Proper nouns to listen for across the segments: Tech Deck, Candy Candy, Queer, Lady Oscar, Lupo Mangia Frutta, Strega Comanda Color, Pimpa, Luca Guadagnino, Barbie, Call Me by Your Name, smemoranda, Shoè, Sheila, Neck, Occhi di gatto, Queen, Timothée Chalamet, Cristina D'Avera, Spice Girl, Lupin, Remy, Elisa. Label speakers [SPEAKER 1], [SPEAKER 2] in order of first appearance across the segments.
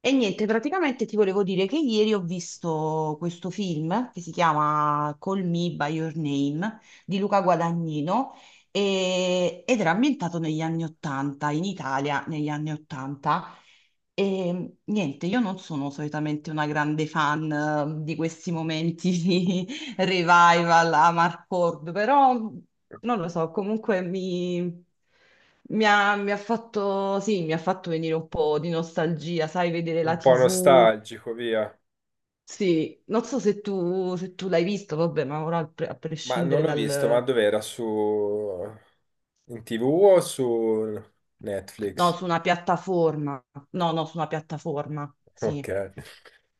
[SPEAKER 1] E niente, praticamente ti volevo dire che ieri ho visto questo film che si chiama Call Me by Your Name di Luca Guadagnino ed era ambientato negli anni Ottanta, in Italia negli anni Ottanta. E niente, io non sono solitamente una grande fan di questi momenti revival a Marcord, però non lo so, comunque mi ha fatto, sì, mi ha fatto venire un po' di nostalgia, sai, vedere la
[SPEAKER 2] Un po'
[SPEAKER 1] TV.
[SPEAKER 2] nostalgico, via.
[SPEAKER 1] Sì, non so se tu l'hai visto, vabbè, ma ora a
[SPEAKER 2] Ma non
[SPEAKER 1] prescindere
[SPEAKER 2] l'ho visto, ma
[SPEAKER 1] dal...
[SPEAKER 2] dov'era? In TV o su
[SPEAKER 1] No,
[SPEAKER 2] Netflix?
[SPEAKER 1] su una piattaforma. No, no, su una piattaforma,
[SPEAKER 2] Ok.
[SPEAKER 1] sì.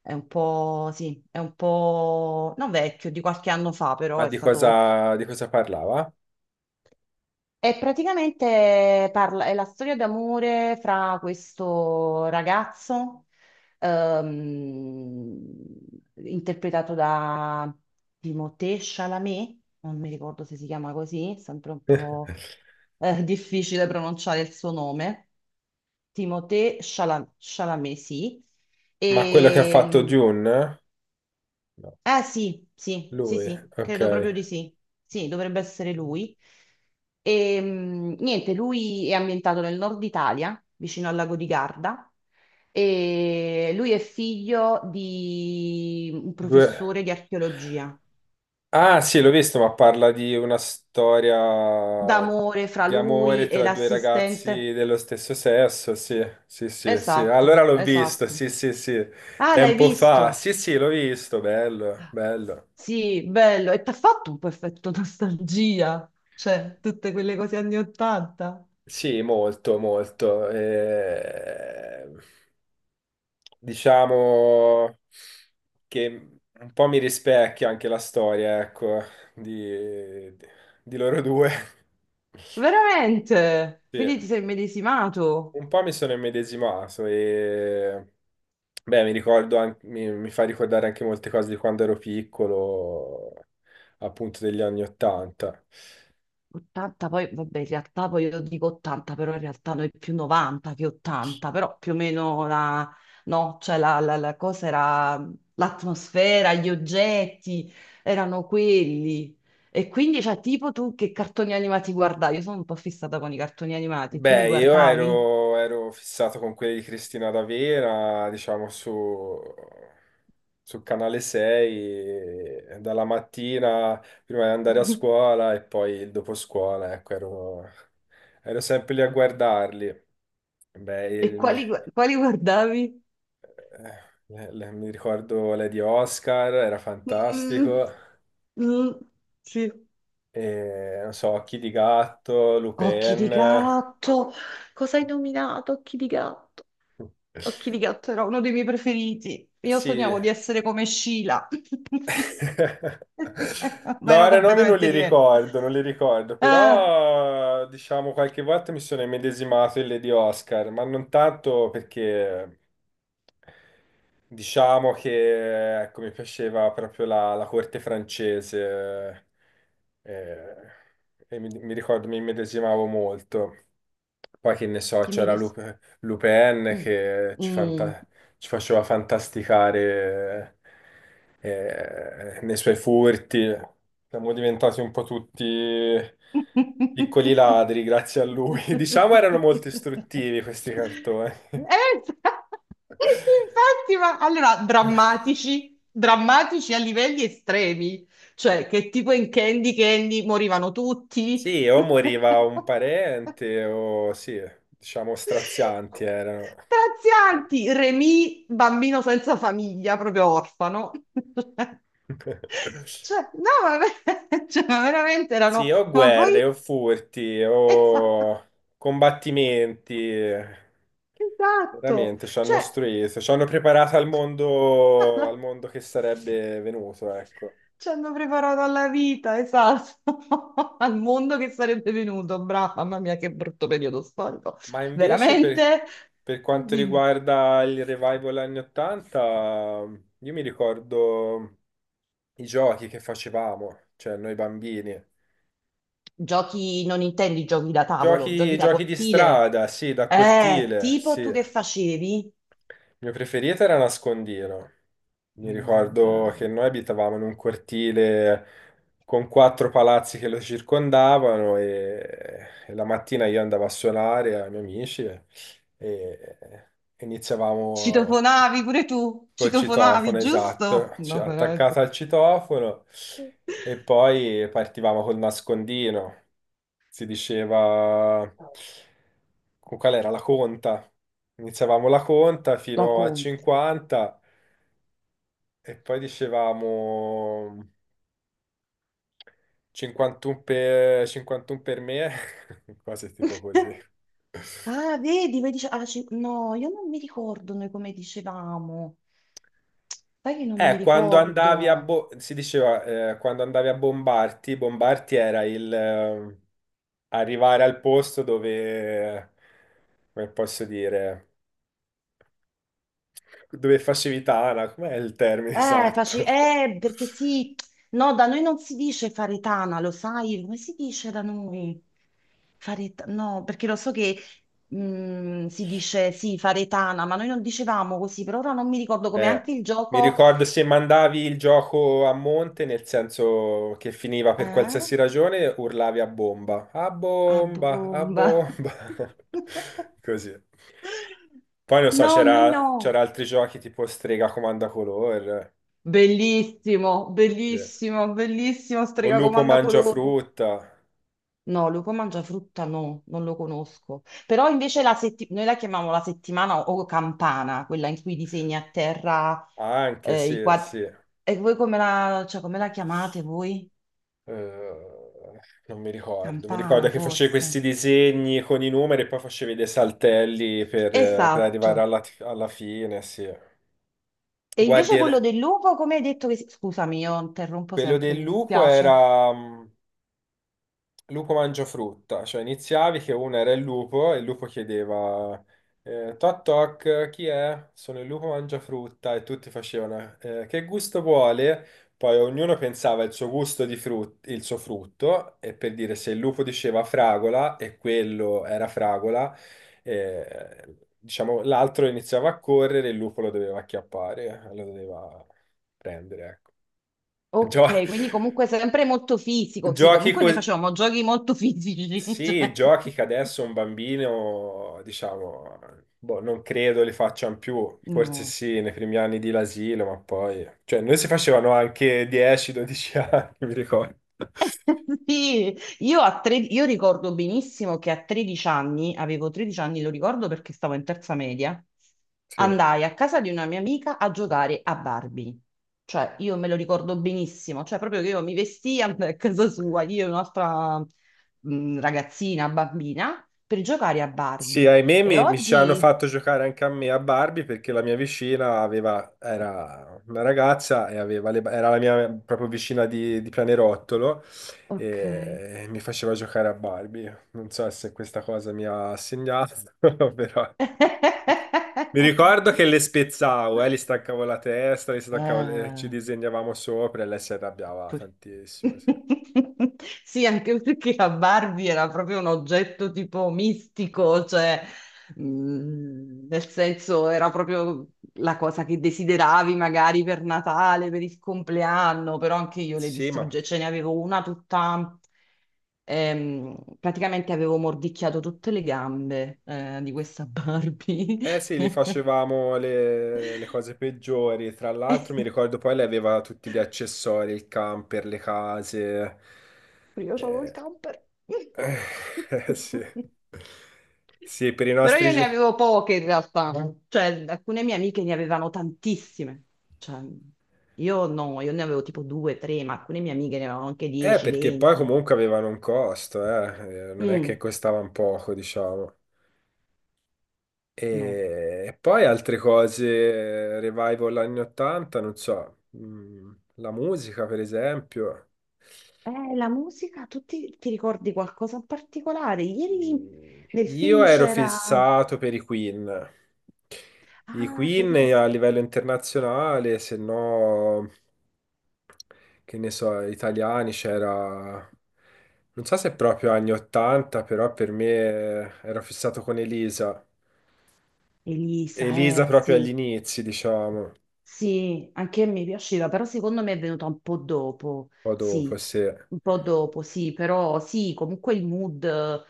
[SPEAKER 1] È un po', sì, è un po' non vecchio, di qualche anno fa,
[SPEAKER 2] Ma
[SPEAKER 1] però è
[SPEAKER 2] di
[SPEAKER 1] stato.
[SPEAKER 2] cosa, di cosa parlava?
[SPEAKER 1] E praticamente parla, è la storia d'amore fra questo ragazzo, ehm, interpretato da Timothée Chalamet, non mi ricordo se si chiama così, è sempre un po' difficile pronunciare il suo nome, Timothée Chalamet, sì.
[SPEAKER 2] Ma quello che ha fatto
[SPEAKER 1] E,
[SPEAKER 2] Dune? No.
[SPEAKER 1] eh sì, sì, sì,
[SPEAKER 2] Lui,
[SPEAKER 1] sì,
[SPEAKER 2] ok.
[SPEAKER 1] credo proprio di sì. Sì, dovrebbe essere lui. E, niente, lui è ambientato nel nord Italia, vicino al lago di Garda, e lui è figlio di un
[SPEAKER 2] Due...
[SPEAKER 1] professore di archeologia.
[SPEAKER 2] Ah, sì, l'ho visto, ma parla di una storia
[SPEAKER 1] D'amore fra
[SPEAKER 2] di
[SPEAKER 1] lui
[SPEAKER 2] amore
[SPEAKER 1] e
[SPEAKER 2] tra due
[SPEAKER 1] l'assistente.
[SPEAKER 2] ragazzi dello stesso sesso. Sì, sì, sì, sì. Allora
[SPEAKER 1] Esatto,
[SPEAKER 2] l'ho visto,
[SPEAKER 1] esatto.
[SPEAKER 2] sì, sì, sì.
[SPEAKER 1] Ah, l'hai
[SPEAKER 2] Tempo fa.
[SPEAKER 1] visto?
[SPEAKER 2] Sì, sì, l'ho visto, bello, bello.
[SPEAKER 1] Sì, bello. E ti ha fatto un po' effetto nostalgia, cioè tutte quelle cose anni 80.
[SPEAKER 2] Sì, molto, molto. Diciamo che un po' mi rispecchia anche la storia, ecco, di, di loro due.
[SPEAKER 1] Veramente?
[SPEAKER 2] Sì.
[SPEAKER 1] Quindi ti sei immedesimato?
[SPEAKER 2] Un po' mi sono immedesimato e beh, mi ricordo anche, mi fa ricordare anche molte cose di quando ero piccolo, appunto degli anni 80.
[SPEAKER 1] 80, poi vabbè, in realtà poi io dico 80, però in realtà noi più 90 che 80, però più o meno la, no, cioè la cosa era l'atmosfera, gli oggetti erano quelli. E quindi, cioè, tipo tu che cartoni animati guardavi? Io sono un po' fissata con i cartoni animati, tu li
[SPEAKER 2] Beh, io
[SPEAKER 1] guardavi?
[SPEAKER 2] ero, ero fissato con quelli di Cristina D'Avera, diciamo su Canale 6, e dalla mattina prima di andare a scuola e poi il dopo scuola, ecco, ero sempre lì a guardarli. Beh,
[SPEAKER 1] E
[SPEAKER 2] il mio.
[SPEAKER 1] quali, quali guardavi?
[SPEAKER 2] Eh, Mi ricordo Lady Oscar, era
[SPEAKER 1] Mm,
[SPEAKER 2] fantastico.
[SPEAKER 1] mm, sì.
[SPEAKER 2] E, non so, Occhi di gatto,
[SPEAKER 1] Occhi di
[SPEAKER 2] Lupin.
[SPEAKER 1] gatto. Cosa hai nominato? Occhi di gatto. Occhi di gatto era uno dei miei preferiti. Io
[SPEAKER 2] Sì.
[SPEAKER 1] sognavo di essere come Sheila, ma
[SPEAKER 2] No,
[SPEAKER 1] ero
[SPEAKER 2] ora i nomi non
[SPEAKER 1] completamente
[SPEAKER 2] li
[SPEAKER 1] diversa.
[SPEAKER 2] ricordo, non li ricordo,
[SPEAKER 1] Ah,
[SPEAKER 2] però diciamo qualche volta mi sono immedesimato in Lady Oscar, ma non tanto perché. Diciamo che ecco, mi piaceva proprio la corte francese eh, e mi ricordo mi immedesimavo molto. Poi che ne so,
[SPEAKER 1] dimmi
[SPEAKER 2] c'era
[SPEAKER 1] di
[SPEAKER 2] Lu-
[SPEAKER 1] sì.
[SPEAKER 2] Lupin
[SPEAKER 1] Mm.
[SPEAKER 2] che ci,
[SPEAKER 1] Mm.
[SPEAKER 2] fanta- ci faceva fantasticare nei suoi furti. Siamo diventati un po' tutti piccoli
[SPEAKER 1] Eh,
[SPEAKER 2] ladri grazie a lui. Diciamo erano molto istruttivi questi cartoni.
[SPEAKER 1] infatti, ma allora drammatici, drammatici a livelli estremi, cioè che tipo in Candy Candy morivano tutti.
[SPEAKER 2] Sì, o moriva un parente o sì, diciamo strazianti erano.
[SPEAKER 1] Strazianti, Remy, bambino senza famiglia, proprio orfano. Cioè, no, ma, cioè, ma veramente erano,
[SPEAKER 2] Sì, o
[SPEAKER 1] ma poi
[SPEAKER 2] guerre, o furti, o combattimenti.
[SPEAKER 1] esatto,
[SPEAKER 2] Veramente ci hanno
[SPEAKER 1] cioè
[SPEAKER 2] istruito, ci hanno preparato al
[SPEAKER 1] alla-
[SPEAKER 2] mondo che sarebbe venuto, ecco.
[SPEAKER 1] ci hanno preparato alla vita, esatto, al mondo che sarebbe venuto, brava, mamma mia che brutto periodo storico,
[SPEAKER 2] Ma invece per,
[SPEAKER 1] veramente?
[SPEAKER 2] per quanto
[SPEAKER 1] Dimmi.
[SPEAKER 2] riguarda il revival anni 80, io mi ricordo i giochi che facevamo, cioè noi bambini.
[SPEAKER 1] Giochi, non intendi giochi da tavolo, giochi
[SPEAKER 2] Giochi,
[SPEAKER 1] da
[SPEAKER 2] giochi di
[SPEAKER 1] cortile,
[SPEAKER 2] strada, sì, da cortile,
[SPEAKER 1] tipo
[SPEAKER 2] sì.
[SPEAKER 1] tu che
[SPEAKER 2] Il
[SPEAKER 1] facevi?
[SPEAKER 2] mio preferito era nascondino. Mi
[SPEAKER 1] Mm,
[SPEAKER 2] ricordo che
[SPEAKER 1] bello.
[SPEAKER 2] noi abitavamo in un cortile con quattro palazzi che lo circondavano e la mattina io andavo a suonare ai miei amici e iniziavamo.
[SPEAKER 1] Citofonavi pure tu,
[SPEAKER 2] Col
[SPEAKER 1] citofonavi,
[SPEAKER 2] citofono,
[SPEAKER 1] giusto?
[SPEAKER 2] esatto,
[SPEAKER 1] No, veramente.
[SPEAKER 2] attaccata al citofono e poi partivamo col nascondino. Si diceva, con qual era la conta? Iniziavamo la conta
[SPEAKER 1] La
[SPEAKER 2] fino a
[SPEAKER 1] Conte.
[SPEAKER 2] 50 e poi dicevamo 51 per me, cose tipo così.
[SPEAKER 1] Ah, vedi, poi dice, ah, no, io non mi ricordo noi come dicevamo. Sai che non mi
[SPEAKER 2] Quando andavi a
[SPEAKER 1] ricordo.
[SPEAKER 2] bo- Si diceva, quando andavi a Bombarti era il arrivare al posto dove, come posso dire, dove facevi tana, com'è il termine esatto?
[SPEAKER 1] Perché sì, no, da noi non si dice faretana, lo sai? Come si dice da noi? No, perché lo so che si dice sì, faretana, ma noi non dicevamo così, per ora non mi ricordo come
[SPEAKER 2] Eh,
[SPEAKER 1] anche il
[SPEAKER 2] Mi
[SPEAKER 1] gioco.
[SPEAKER 2] ricordo se mandavi il gioco a monte, nel senso che finiva per
[SPEAKER 1] Eh?
[SPEAKER 2] qualsiasi ragione, urlavi a bomba, a
[SPEAKER 1] A
[SPEAKER 2] bomba, a
[SPEAKER 1] bomba.
[SPEAKER 2] bomba, così. Poi non so,
[SPEAKER 1] No, noi
[SPEAKER 2] c'era
[SPEAKER 1] no.
[SPEAKER 2] c'era altri giochi tipo Strega Comanda Color,
[SPEAKER 1] Bellissimo,
[SPEAKER 2] sì.
[SPEAKER 1] bellissimo, bellissimo,
[SPEAKER 2] O
[SPEAKER 1] strega
[SPEAKER 2] Lupo Mangia
[SPEAKER 1] colore.
[SPEAKER 2] Frutta,
[SPEAKER 1] No, lupo mangia frutta no, non lo conosco. Però invece la noi la chiamiamo la settimana o campana, quella in cui disegni a terra
[SPEAKER 2] anche,
[SPEAKER 1] i
[SPEAKER 2] sì,
[SPEAKER 1] quadri.
[SPEAKER 2] sì.
[SPEAKER 1] E voi come la, cioè, come la chiamate voi?
[SPEAKER 2] Eh, Non mi ricordo, mi ricordo
[SPEAKER 1] Campana,
[SPEAKER 2] che facevi
[SPEAKER 1] forse.
[SPEAKER 2] questi disegni con i numeri e poi facevi dei saltelli per arrivare
[SPEAKER 1] Esatto.
[SPEAKER 2] alla fine, sì.
[SPEAKER 1] E
[SPEAKER 2] Guardi,
[SPEAKER 1] invece quello del lupo, come hai detto che... Scusami, io interrompo
[SPEAKER 2] quello
[SPEAKER 1] sempre,
[SPEAKER 2] del
[SPEAKER 1] mi
[SPEAKER 2] lupo
[SPEAKER 1] dispiace.
[SPEAKER 2] era. Lupo mangia frutta, cioè iniziavi che uno era il lupo e il lupo chiedeva toc toc, chi è? Sono il lupo mangia frutta e tutti facevano che gusto vuole? Poi ognuno pensava il suo frutto e per dire se il lupo diceva fragola e quello era fragola, diciamo l'altro iniziava a correre e il lupo lo doveva acchiappare, lo doveva prendere, ecco. Gio-
[SPEAKER 1] Ok, quindi comunque sempre molto fisico, sì,
[SPEAKER 2] giochi
[SPEAKER 1] comunque noi
[SPEAKER 2] così.
[SPEAKER 1] facevamo giochi molto fisici,
[SPEAKER 2] Sì,
[SPEAKER 1] cioè...
[SPEAKER 2] giochi che adesso un bambino, diciamo, boh, non credo li facciano più, forse
[SPEAKER 1] No.
[SPEAKER 2] sì, nei primi anni di l'asilo, ma poi. Cioè, noi si facevano anche 10-12 anni, mi ricordo.
[SPEAKER 1] Sì, io ricordo benissimo che a 13 anni, avevo 13 anni, lo ricordo perché stavo in terza media,
[SPEAKER 2] Sì.
[SPEAKER 1] andai a casa di una mia amica a giocare a Barbie. Cioè, io me lo ricordo benissimo, cioè proprio che io mi vestia andai a casa sua, io e un'altra ragazzina, bambina, per giocare a
[SPEAKER 2] Sì,
[SPEAKER 1] Barbie.
[SPEAKER 2] ahimè
[SPEAKER 1] E
[SPEAKER 2] mi ci hanno
[SPEAKER 1] oggi...
[SPEAKER 2] fatto giocare anche a me a Barbie perché la mia vicina aveva, era una ragazza e aveva le, era la mia proprio vicina di pianerottolo
[SPEAKER 1] Ok.
[SPEAKER 2] e mi faceva giocare a Barbie. Non so se questa cosa mi ha segnato, però mi ricordo che le spezzavo, gli staccavo la testa, gli staccavo ci
[SPEAKER 1] Eh,
[SPEAKER 2] disegnavamo sopra e lei si arrabbiava
[SPEAKER 1] pure-
[SPEAKER 2] tantissimo. Sì,
[SPEAKER 1] sì, anche perché la Barbie era proprio un oggetto tipo mistico, cioè, nel senso era proprio la cosa che desideravi magari per Natale, per il compleanno, però anche io le
[SPEAKER 2] sì, ma.
[SPEAKER 1] distrugge, ce ne avevo una tutta, praticamente avevo mordicchiato tutte le gambe, di questa Barbie.
[SPEAKER 2] Eh sì, li facevamo le cose peggiori. Tra l'altro, mi ricordo poi lei aveva tutti gli accessori, il camper, le case.
[SPEAKER 1] Io solo il camper.
[SPEAKER 2] Sì. Sì, per i
[SPEAKER 1] Però
[SPEAKER 2] nostri.
[SPEAKER 1] io ne avevo poche in realtà, cioè alcune mie amiche ne avevano tantissime, cioè io no, io ne avevo tipo due, tre, ma alcune mie amiche ne avevano anche 10,
[SPEAKER 2] Perché poi
[SPEAKER 1] 20.
[SPEAKER 2] comunque avevano un costo, eh. Non è che
[SPEAKER 1] Mm,
[SPEAKER 2] costavano poco, diciamo.
[SPEAKER 1] no.
[SPEAKER 2] E poi altre cose, revival anni 80, non so, la musica per esempio.
[SPEAKER 1] La musica, tu ti ricordi qualcosa in particolare? Ieri nel
[SPEAKER 2] Io
[SPEAKER 1] film
[SPEAKER 2] ero
[SPEAKER 1] c'era...
[SPEAKER 2] fissato per i Queen. I
[SPEAKER 1] Ah, tu
[SPEAKER 2] Queen
[SPEAKER 1] eri
[SPEAKER 2] a
[SPEAKER 1] fissata.
[SPEAKER 2] livello internazionale, se no, che ne so, italiani c'era, non so se proprio anni 80, però per me ero fissato con Elisa.
[SPEAKER 1] Elisa,
[SPEAKER 2] Elisa proprio agli
[SPEAKER 1] sì.
[SPEAKER 2] inizi, diciamo, un
[SPEAKER 1] Sì, anche a me piaceva, però secondo me è venuta un po' dopo,
[SPEAKER 2] po' dopo,
[SPEAKER 1] sì,
[SPEAKER 2] se.
[SPEAKER 1] un po' dopo, sì, però sì, comunque il mood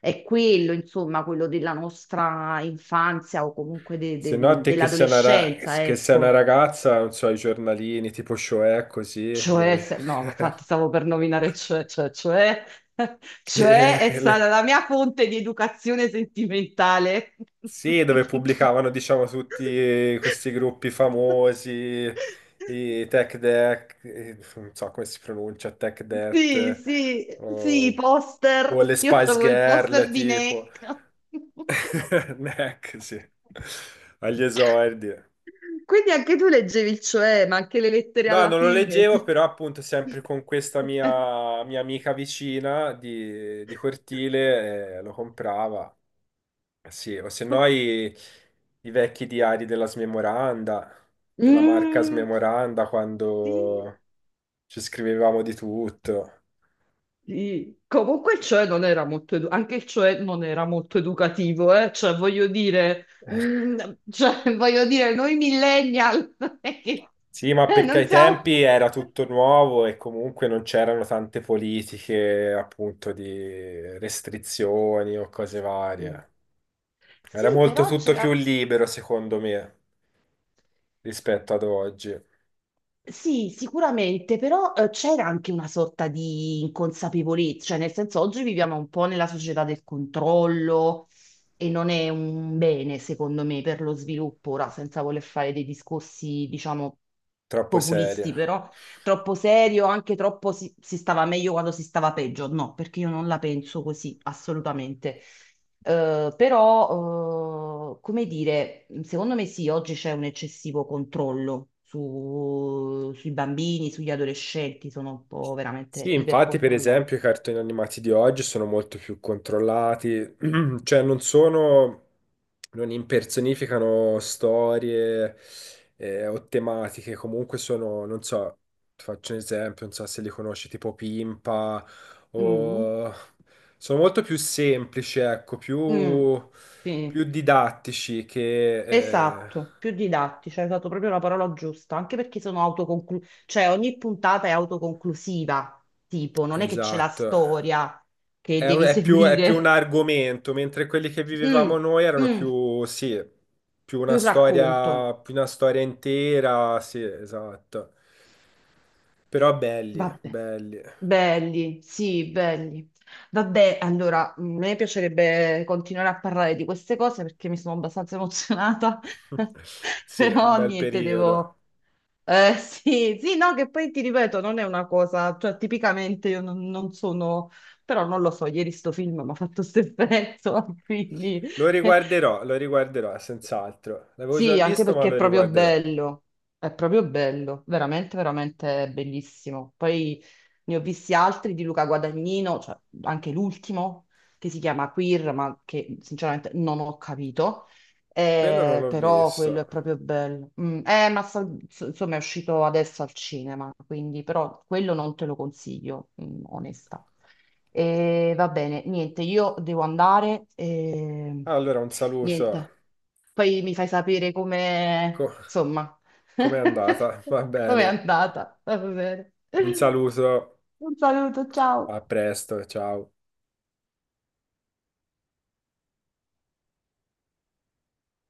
[SPEAKER 1] è quello, insomma, quello della nostra infanzia o comunque de-
[SPEAKER 2] Se no,
[SPEAKER 1] de-
[SPEAKER 2] te che sei una, ra-
[SPEAKER 1] dell'adolescenza,
[SPEAKER 2] che sei una
[SPEAKER 1] ecco.
[SPEAKER 2] ragazza, non so, i giornalini tipo Shoè, così,
[SPEAKER 1] Cioè, no, infatti stavo per nominare cioè, cioè è
[SPEAKER 2] che
[SPEAKER 1] stata
[SPEAKER 2] le-
[SPEAKER 1] la mia fonte di educazione sentimentale.
[SPEAKER 2] Sì, dove pubblicavano, diciamo, tutti questi gruppi famosi, i Tech Deck, non so come si pronuncia, Tech
[SPEAKER 1] Sì,
[SPEAKER 2] Death,
[SPEAKER 1] sì, sì, i
[SPEAKER 2] o, o le
[SPEAKER 1] poster. Io
[SPEAKER 2] Spice
[SPEAKER 1] avevo il
[SPEAKER 2] Girl,
[SPEAKER 1] poster di
[SPEAKER 2] tipo.
[SPEAKER 1] Neck.
[SPEAKER 2] Neck, sì. Agli esordi.
[SPEAKER 1] Quindi anche tu leggevi il cioè, ma anche le lettere
[SPEAKER 2] No,
[SPEAKER 1] alla
[SPEAKER 2] non lo
[SPEAKER 1] fine.
[SPEAKER 2] leggevo, però appunto sempre con questa mia amica vicina di cortile, lo comprava. Eh sì, o se no i vecchi diari della smemoranda, della marca
[SPEAKER 1] Mm,
[SPEAKER 2] smemoranda,
[SPEAKER 1] sì,
[SPEAKER 2] quando ci scrivevamo di tutto.
[SPEAKER 1] sì. Comunque il cioè non era molto anche il cioè non era molto educativo, eh? Cioè, voglio dire, mm, cioè, voglio dire, noi millennial
[SPEAKER 2] Sì, ma perché ai
[SPEAKER 1] non siamo.
[SPEAKER 2] tempi era tutto nuovo e comunque non c'erano tante politiche, appunto, di restrizioni o cose varie. Era
[SPEAKER 1] Sì,
[SPEAKER 2] molto
[SPEAKER 1] però
[SPEAKER 2] tutto più
[SPEAKER 1] c'era,
[SPEAKER 2] libero, secondo me, rispetto ad oggi.
[SPEAKER 1] sì, sicuramente, però c'era anche una sorta di inconsapevolezza, cioè nel senso oggi viviamo un po' nella società del controllo e non è un bene, secondo me, per lo sviluppo, ora senza voler fare dei discorsi, diciamo,
[SPEAKER 2] Troppo
[SPEAKER 1] populisti,
[SPEAKER 2] serio.
[SPEAKER 1] però troppo serio, anche troppo si stava meglio quando si stava peggio. No, perché io non la penso così, assolutamente. Però, come dire, secondo me sì, oggi c'è un eccessivo controllo sui bambini, sugli adolescenti, sono un po' veramente
[SPEAKER 2] Sì, infatti, per
[SPEAKER 1] ipercontrollati.
[SPEAKER 2] esempio, i cartoni animati di oggi sono molto più controllati, cioè non sono, non impersonificano storie o tematiche, comunque sono, non so, ti faccio un esempio, non so se li conosci, tipo Pimpa,
[SPEAKER 1] Mm.
[SPEAKER 2] o. Sono molto più semplici, ecco,
[SPEAKER 1] Mm.
[SPEAKER 2] più,
[SPEAKER 1] Sì.
[SPEAKER 2] più didattici che.
[SPEAKER 1] Esatto, più didattica, hai usato proprio la parola giusta, anche perché sono autoconclusiva, cioè ogni puntata è autoconclusiva, tipo, non è che c'è la
[SPEAKER 2] Esatto.
[SPEAKER 1] storia che
[SPEAKER 2] È, un-
[SPEAKER 1] devi
[SPEAKER 2] è più, è più un
[SPEAKER 1] seguire,
[SPEAKER 2] argomento, mentre quelli che vivevamo
[SPEAKER 1] mm,
[SPEAKER 2] noi erano
[SPEAKER 1] mm,
[SPEAKER 2] più, sì,
[SPEAKER 1] un racconto.
[SPEAKER 2] più una storia intera, sì, esatto. Però belli,
[SPEAKER 1] Vabbè,
[SPEAKER 2] belli.
[SPEAKER 1] belli, sì, belli. Vabbè, allora, a me piacerebbe continuare a parlare di queste cose perché mi sono abbastanza emozionata,
[SPEAKER 2] Sì, un
[SPEAKER 1] però
[SPEAKER 2] bel
[SPEAKER 1] niente,
[SPEAKER 2] periodo.
[SPEAKER 1] devo. Sì, sì, no, che poi ti ripeto, non è una cosa, cioè tipicamente io non sono, però non lo so, ieri sto film mi ha fatto questo effetto, quindi
[SPEAKER 2] Lo riguarderò, senz'altro. L'avevo già
[SPEAKER 1] sì, anche
[SPEAKER 2] visto, ma
[SPEAKER 1] perché
[SPEAKER 2] lo riguarderò.
[SPEAKER 1] è proprio bello, veramente, veramente bellissimo. Poi ne ho visti altri di Luca Guadagnino, cioè anche l'ultimo, che si chiama Queer, ma che sinceramente non ho capito.
[SPEAKER 2] Quello non l'ho
[SPEAKER 1] Però quello
[SPEAKER 2] visto.
[SPEAKER 1] è proprio bello. Mm, ma insomma è uscito adesso al cinema, quindi però quello non te lo consiglio, onesta. E va bene, niente, io devo andare. E
[SPEAKER 2] Allora, un saluto.
[SPEAKER 1] niente. Poi mi fai sapere
[SPEAKER 2] Co-
[SPEAKER 1] come, insomma,
[SPEAKER 2] com'è andata? Va
[SPEAKER 1] com'è
[SPEAKER 2] bene.
[SPEAKER 1] andata. Va bene.
[SPEAKER 2] Un saluto,
[SPEAKER 1] Un saluto, ciao.
[SPEAKER 2] a presto, ciao.